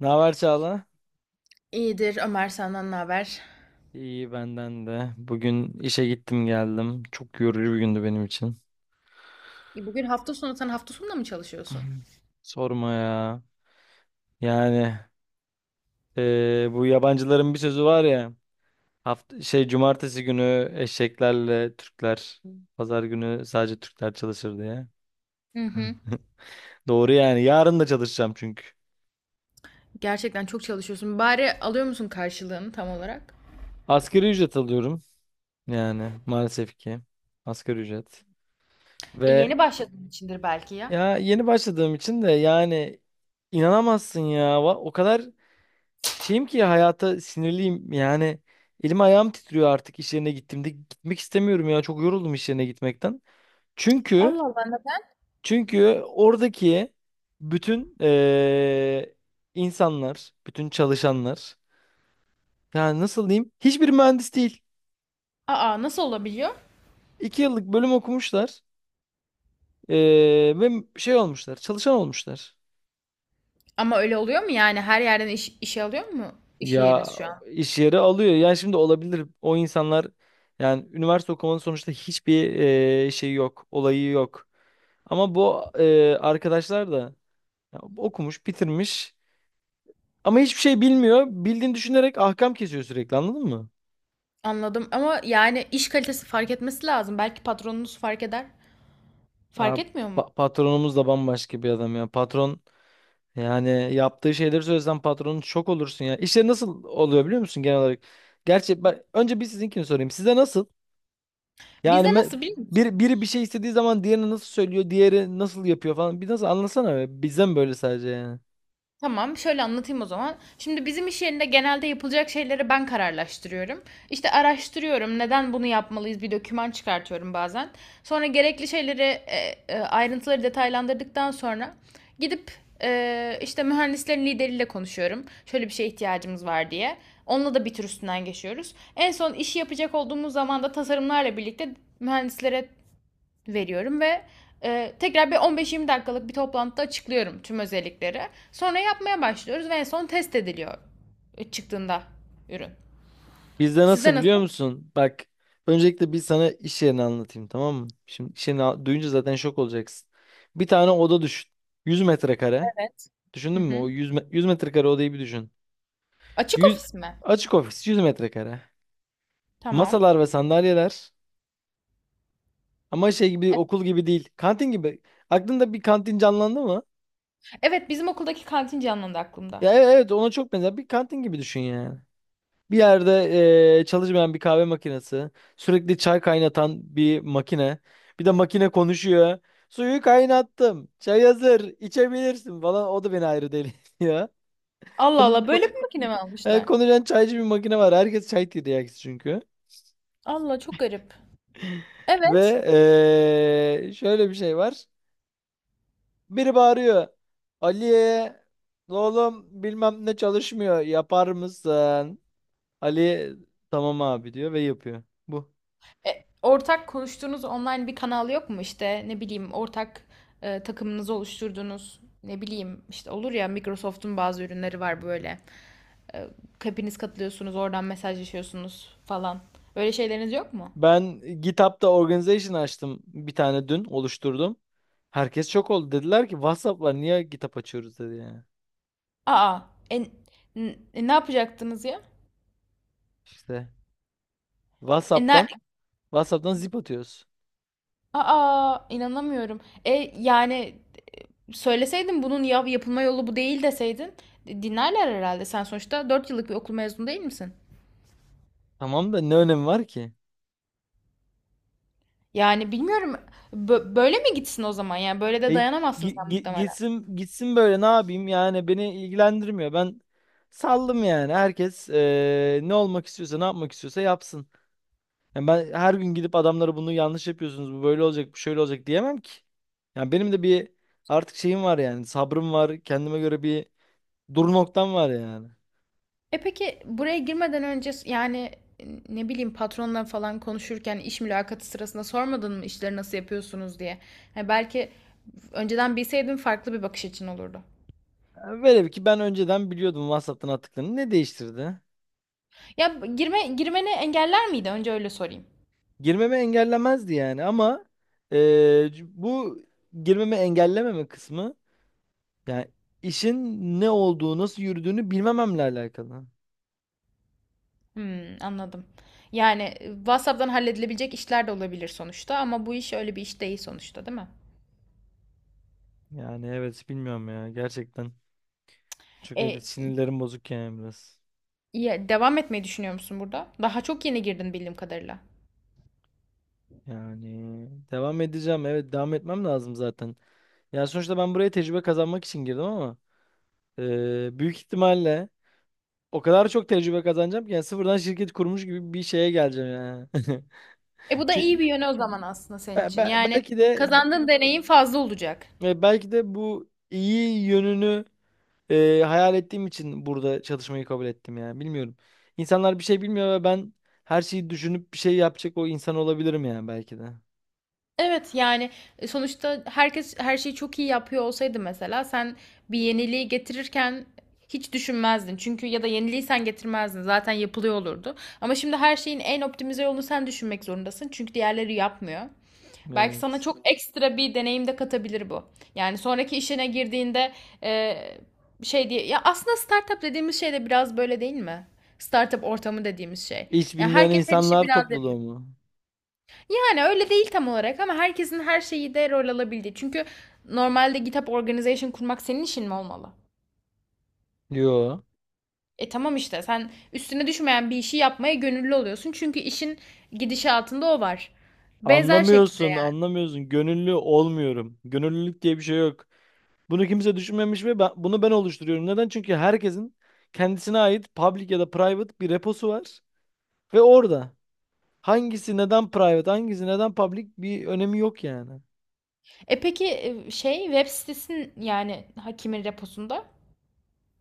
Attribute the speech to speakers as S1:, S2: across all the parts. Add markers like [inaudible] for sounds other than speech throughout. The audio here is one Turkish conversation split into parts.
S1: Ne haber Çağla?
S2: İyidir Ömer, senden ne haber?
S1: İyi benden de. Bugün işe gittim geldim. Çok yorucu bir gündü benim için.
S2: Bugün hafta sonu, sen hafta sonunda mı çalışıyorsun?
S1: [laughs] Sorma ya. Yani bu yabancıların bir sözü var ya. Hafta şey cumartesi günü eşeklerle Türkler, pazar günü sadece Türkler çalışır diye.
S2: Hı hı.
S1: Doğru yani. Yarın da çalışacağım çünkü.
S2: Gerçekten çok çalışıyorsun. Bari alıyor musun karşılığını tam olarak?
S1: Asgari ücret alıyorum. Yani maalesef ki asgari ücret.
S2: E,
S1: Ve
S2: yeni başladığın içindir belki ya.
S1: ya yeni başladığım için de yani inanamazsın ya. O kadar şeyim ki hayata sinirliyim yani, elim ayağım titriyor artık. İş yerine gittiğimde gitmek istemiyorum ya, çok yoruldum iş yerine gitmekten. Çünkü
S2: Allah Allah, neden?
S1: çünkü oradaki bütün insanlar, bütün çalışanlar yani nasıl diyeyim hiçbir mühendis değil.
S2: Aa, nasıl olabiliyor?
S1: 2 yıllık bölüm okumuşlar, ve şey olmuşlar, çalışan olmuşlar.
S2: Ama öyle oluyor mu yani her yerden işe alıyor mu iş
S1: Ya,
S2: yeriniz şu an?
S1: iş yeri alıyor. Yani şimdi olabilir. O insanlar, yani üniversite okumanın sonuçta hiçbir şey yok, olayı yok. Ama bu arkadaşlar da ya, okumuş, bitirmiş ama hiçbir şey bilmiyor. Bildiğini düşünerek ahkam kesiyor sürekli, anladın mı?
S2: Anladım, ama yani iş kalitesi fark etmesi lazım. Belki patronunuz fark eder.
S1: Ya,
S2: Fark etmiyor mu?
S1: patronumuz da bambaşka bir adam ya. Patron, yani yaptığı şeyleri söylesen patronun şok olursun ya. İşler nasıl oluyor biliyor musun genel olarak? Gerçi ben, önce bir sizinkini sorayım. Size nasıl? Yani
S2: Bizde
S1: me-
S2: nasıl biliyor musun?
S1: bir, biri bir şey istediği zaman diğerini nasıl söylüyor, diğeri nasıl yapıyor falan. Bir nasıl anlasana be. Bizde böyle sadece yani?
S2: Tamam, şöyle anlatayım o zaman. Şimdi bizim iş yerinde genelde yapılacak şeyleri ben kararlaştırıyorum. İşte araştırıyorum, neden bunu yapmalıyız, bir doküman çıkartıyorum bazen. Sonra gerekli şeyleri, ayrıntıları detaylandırdıktan sonra gidip işte mühendislerin lideriyle konuşuyorum. Şöyle bir şeye ihtiyacımız var diye. Onunla da bir tür üstünden geçiyoruz. En son işi yapacak olduğumuz zaman da tasarımlarla birlikte mühendislere veriyorum ve tekrar bir 15-20 dakikalık bir toplantıda açıklıyorum tüm özellikleri. Sonra yapmaya başlıyoruz ve en son test ediliyor çıktığında ürün.
S1: Bizde nasıl
S2: Sizde nasıl?
S1: biliyor musun? Bak, öncelikle bir sana iş yerini anlatayım tamam mı? Şimdi iş yerini duyunca zaten şok olacaksın. Bir tane oda düşün. 100 metrekare.
S2: Evet. Hı
S1: Düşündün mü?
S2: hı.
S1: O 100, 100 metrekare odayı bir düşün.
S2: Açık
S1: 100,
S2: ofis mi?
S1: açık ofis 100 metrekare.
S2: Tamam.
S1: Masalar ve sandalyeler. Ama şey gibi,
S2: Evet.
S1: okul gibi değil. Kantin gibi. Aklında bir kantin canlandı mı?
S2: Evet, bizim okuldaki kantin canlandı aklımda.
S1: Ya evet, ona çok benzer. Bir kantin gibi düşün yani. Bir yerde çalışmayan bir kahve makinesi, sürekli çay kaynatan bir makine, bir de makine konuşuyor. Suyu kaynattım, çay hazır, içebilirsin falan. O da beni ayrı deli [laughs] ya.
S2: Allah
S1: Konuş,
S2: Allah,
S1: konuş,
S2: böyle bir makine mi almışlar?
S1: konuşan çaycı bir makine var. Herkes çay tiryakisi çünkü.
S2: Allah, çok garip. Evet.
S1: Ve şöyle bir şey var. Biri bağırıyor. Ali'ye, oğlum bilmem ne çalışmıyor, yapar mısın? Ali, tamam abi diyor ve yapıyor. Bu.
S2: E, ortak konuştuğunuz online bir kanal yok mu işte, ne bileyim, ortak takımınızı oluşturduğunuz, ne bileyim işte, olur ya Microsoft'un bazı ürünleri var böyle. Ee, Hepiniz katılıyorsunuz, oradan mesajlaşıyorsunuz falan. Öyle şeyleriniz yok mu?
S1: Ben GitHub'da organization açtım, bir tane dün oluşturdum. Herkes şok oldu. Dediler ki WhatsApp var, niye GitHub açıyoruz dedi yani.
S2: Aa, e, n- ne yapacaktınız ya?
S1: İşte
S2: E,
S1: WhatsApp'tan,
S2: ner-
S1: Zip atıyoruz.
S2: Aa, inanamıyorum. E, yani, söyleseydin bunun yapılma yolu bu değil deseydin dinlerler herhalde. Sen sonuçta 4 yıllık bir okul mezunu değil misin?
S1: Tamam da ne önemi var ki?
S2: Yani bilmiyorum. Böyle mi gitsin o zaman? Yani böyle
S1: E,
S2: de dayanamazsın
S1: gi-
S2: sen
S1: gi-
S2: muhtemelen.
S1: gitsin gitsin, böyle ne yapayım yani, beni ilgilendirmiyor. Ben saldım yani. Herkes ne olmak istiyorsa, ne yapmak istiyorsa yapsın. Yani ben her gün gidip adamlara bunu yanlış yapıyorsunuz, bu böyle olacak, bu şöyle olacak diyemem ki. Yani benim de bir artık şeyim var yani, sabrım var, kendime göre bir dur noktam var yani.
S2: E peki, buraya girmeden önce yani ne bileyim, patronla falan konuşurken iş mülakatı sırasında sormadın mı işleri nasıl yapıyorsunuz diye. Yani belki önceden bilseydin farklı bir bakış açın olurdu.
S1: Yani velev ki ben önceden biliyordum WhatsApp'tan attıklarını, ne değiştirdi?
S2: Ya girmeni engeller miydi? Önce öyle sorayım.
S1: Girmeme engellemezdi yani ama bu girmeme engellememe kısmı yani işin ne olduğu, nasıl yürüdüğünü bilmememle alakalı.
S2: Hmm, anladım. Yani, WhatsApp'tan halledilebilecek işler de olabilir sonuçta, ama bu iş öyle bir iş değil sonuçta, değil mi?
S1: Yani evet, bilmiyorum ya gerçekten. Çünkü öyle
S2: E,
S1: sinirlerim bozuk yani biraz.
S2: ya, devam etmeyi düşünüyor musun burada? Daha çok yeni girdin bildiğim kadarıyla.
S1: Yani devam edeceğim. Evet, devam etmem lazım zaten. Yani sonuçta ben buraya tecrübe kazanmak için girdim ama büyük ihtimalle o kadar çok tecrübe kazanacağım ki, yani sıfırdan şirket kurmuş gibi bir şeye geleceğim yani.
S2: E, bu
S1: [laughs]
S2: da iyi
S1: Çü-
S2: bir yönü o zaman aslında senin
S1: be-
S2: için.
S1: be-
S2: Yani
S1: belki de
S2: kazandığın deneyim fazla olacak.
S1: belki de bu iyi yönünü hayal ettiğim için burada çalışmayı kabul ettim yani. Bilmiyorum. İnsanlar bir şey bilmiyor ve ben her şeyi düşünüp bir şey yapacak o insan olabilirim yani belki de.
S2: Evet yani, sonuçta herkes her şeyi çok iyi yapıyor olsaydı mesela sen bir yeniliği getirirken hiç düşünmezdin. Çünkü ya da yeniliği sen getirmezdin. Zaten yapılıyor olurdu. Ama şimdi her şeyin en optimize yolunu sen düşünmek zorundasın. Çünkü diğerleri yapmıyor. Belki sana
S1: Evet.
S2: çok ekstra bir deneyim de katabilir bu. Yani sonraki işine girdiğinde, eee, şey diye, ya aslında startup dediğimiz şey de biraz böyle değil mi? Startup ortamı dediğimiz şey.
S1: Hiç
S2: Yani
S1: bilmeyen
S2: herkes her işi
S1: insanlar
S2: biraz
S1: topluluğu
S2: yapıyor.
S1: mu?
S2: Yani öyle değil tam olarak, ama herkesin her şeyi de rol alabildiği. Çünkü normalde GitHub organization kurmak senin işin mi olmalı?
S1: Yo.
S2: E tamam, işte sen üstüne düşmeyen bir işi yapmaya gönüllü oluyorsun. Çünkü işin gidişatında o var. Benzer şekilde.
S1: Anlamıyorsun, anlamıyorsun. Gönüllü olmuyorum. Gönüllülük diye bir şey yok. Bunu kimse düşünmemiş ve bunu ben oluşturuyorum. Neden? Çünkü herkesin kendisine ait public ya da private bir reposu var. Ve orada hangisi neden private, hangisi neden public, bir önemi yok yani.
S2: E peki, şey, web sitesinin yani hakimin reposunda?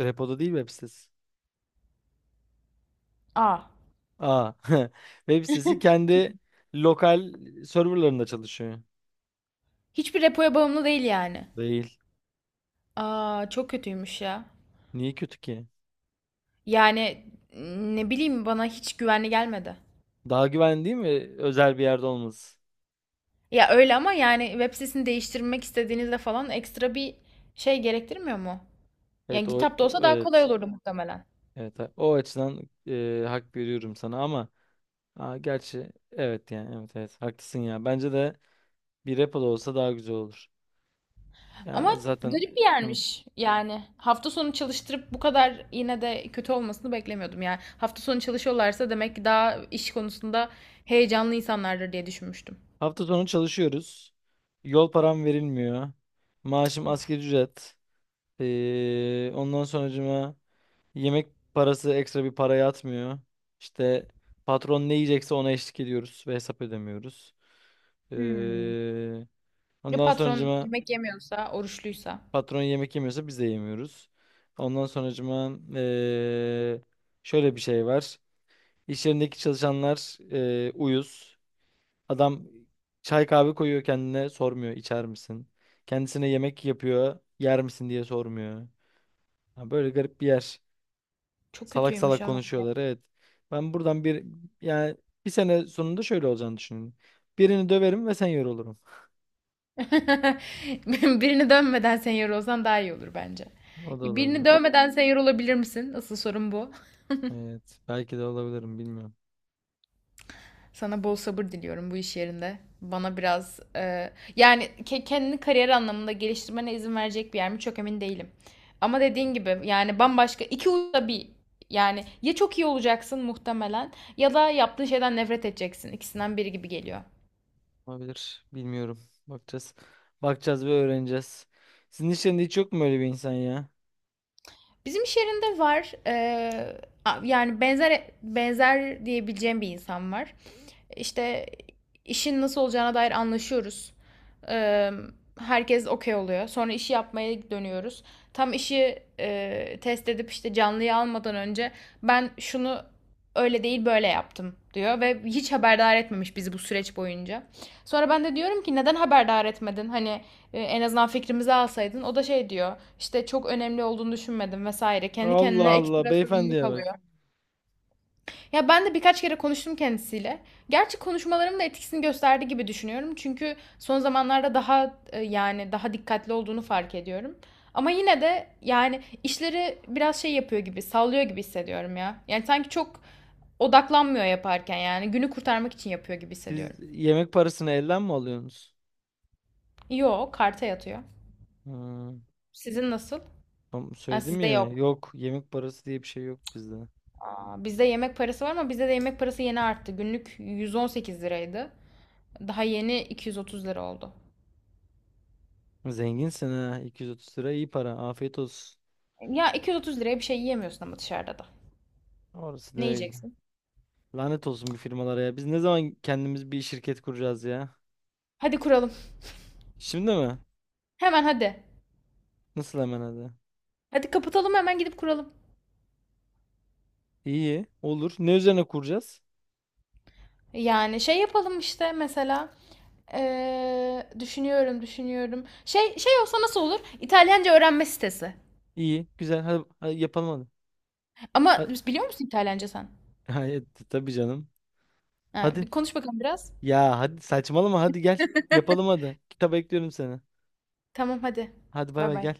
S1: Repoda değil web sitesi.
S2: Aa,
S1: Aa, [laughs] web sitesi kendi lokal serverlarında çalışıyor.
S2: hiçbir repoya bağımlı değil yani.
S1: Değil.
S2: Aa, çok kötüymüş ya.
S1: Niye kötü ki?
S2: Yani ne bileyim, bana hiç güvenli gelmedi.
S1: Daha güvenli değil mi özel bir yerde olması?
S2: Ya öyle, ama yani web sitesini değiştirmek istediğinizde falan ekstra bir şey gerektirmiyor mu? Yani
S1: Evet,
S2: GitHub'da olsa daha kolay
S1: evet.
S2: olurdu muhtemelen.
S1: Evet, o açıdan hak veriyorum sana ama, gerçi evet, yani evet evet haklısın ya. Bence de bir repo da olsa daha güzel olur.
S2: Ama
S1: Ya zaten,
S2: garip bir
S1: hı.
S2: yermiş yani. Hafta sonu çalıştırıp bu kadar yine de kötü olmasını beklemiyordum yani. Hafta sonu çalışıyorlarsa demek ki daha iş konusunda heyecanlı insanlardır diye düşünmüştüm.
S1: Hafta sonu çalışıyoruz. Yol param verilmiyor. Maaşım asgari
S2: Of.
S1: ücret. Ondan sonracıma yemek parası, ekstra bir para yatmıyor. İşte patron ne yiyecekse ona eşlik ediyoruz ve hesap ödemiyoruz.
S2: Hmm.
S1: Ee,
S2: Ya
S1: ondan
S2: patron
S1: sonracıma
S2: yemek yemiyorsa, oruçluysa.
S1: patron yemek yemiyorsa biz de yemiyoruz. Ondan sonracıma şöyle bir şey var. İş yerindeki çalışanlar uyuz. Adam çay kahve koyuyor kendine, sormuyor içer misin? Kendisine yemek yapıyor, yer misin diye sormuyor. Ha, böyle garip bir yer.
S2: Çok
S1: Salak
S2: kötüymüş
S1: salak
S2: ama ya.
S1: konuşuyorlar, evet. Ben buradan bir, yani bir sene sonunda şöyle olacağını düşünüyorum. Birini döverim ve sen yorulurum.
S2: [laughs] Birini dövmeden senior olsan daha iyi olur bence.
S1: O da
S2: Birini
S1: olabilir.
S2: dövmeden senior olabilir misin? Asıl sorun bu.
S1: Evet, belki de olabilirim, bilmiyorum.
S2: Sana bol sabır diliyorum bu iş yerinde. Bana biraz yani kendini kariyer anlamında geliştirmene izin verecek bir yer mi, çok emin değilim. Ama dediğin gibi yani bambaşka iki uçta bir, yani ya çok iyi olacaksın muhtemelen ya da yaptığın şeyden nefret edeceksin. İkisinden biri gibi geliyor.
S1: Olabilir. Bilmiyorum. Bakacağız. Bakacağız ve öğreneceğiz. Sizin işlerinde hiç yok mu öyle bir insan ya?
S2: Bizim iş yerinde var. Yani benzer benzer diyebileceğim bir insan var. İşte işin nasıl olacağına dair anlaşıyoruz. Ee, herkes okey oluyor. Sonra işi yapmaya dönüyoruz. Tam işi test edip işte canlıyı almadan önce ben şunu öyle değil böyle yaptım diyor ve hiç haberdar etmemiş bizi bu süreç boyunca. Sonra ben de diyorum ki neden haberdar etmedin? Hani en azından fikrimizi alsaydın. O da şey diyor işte, çok önemli olduğunu düşünmedim vesaire. Kendi
S1: Allah
S2: kendine
S1: Allah,
S2: ekstra sorumluluk
S1: beyefendiye bak.
S2: alıyor. Ya ben de birkaç kere konuştum kendisiyle. Gerçi konuşmalarım da etkisini gösterdi gibi düşünüyorum. Çünkü son zamanlarda daha yani daha dikkatli olduğunu fark ediyorum. Ama yine de yani işleri biraz şey yapıyor gibi, sallıyor gibi hissediyorum ya. Yani sanki çok odaklanmıyor yaparken, yani günü kurtarmak için yapıyor gibi
S1: Siz
S2: hissediyorum.
S1: yemek parasını elden mi alıyorsunuz?
S2: Yo, karta yatıyor.
S1: Ha,
S2: Sizin nasıl?
S1: tam
S2: Ha,
S1: söyledim
S2: sizde
S1: ya.
S2: yok.
S1: Yok, yemek parası diye bir şey yok bizde.
S2: Aa, bizde yemek parası var ama bizde de yemek parası yeni arttı. Günlük 118 liraydı. Daha yeni 230 lira oldu.
S1: Zenginsin ha. 230 lira iyi para. Afiyet olsun.
S2: Ya 230 liraya bir şey yiyemiyorsun ama dışarıda da.
S1: Orası da
S2: Ne
S1: öyle.
S2: yiyeceksin?
S1: Lanet olsun bir firmalara ya. Biz ne zaman kendimiz bir şirket kuracağız ya?
S2: Hadi kuralım.
S1: Şimdi mi?
S2: Hemen hadi.
S1: Nasıl hemen hadi?
S2: Hadi kapatalım, hemen gidip kuralım.
S1: İyi. Olur. Ne üzerine kuracağız?
S2: Yani şey yapalım işte mesela. Düşünüyorum, düşünüyorum. Şey olsa nasıl olur? İtalyanca öğrenme sitesi.
S1: İyi. Güzel. Hadi, hadi yapalım hadi.
S2: Ama biliyor musun İtalyanca sen?
S1: Hayır, tabii canım.
S2: Ha,
S1: Hadi.
S2: bir konuş bakalım biraz.
S1: Ya hadi saçmalama, hadi gel. Yapalım hadi. Kitap bekliyorum seni.
S2: Tamam hadi.
S1: Hadi bay
S2: Bay
S1: bay gel.
S2: bay.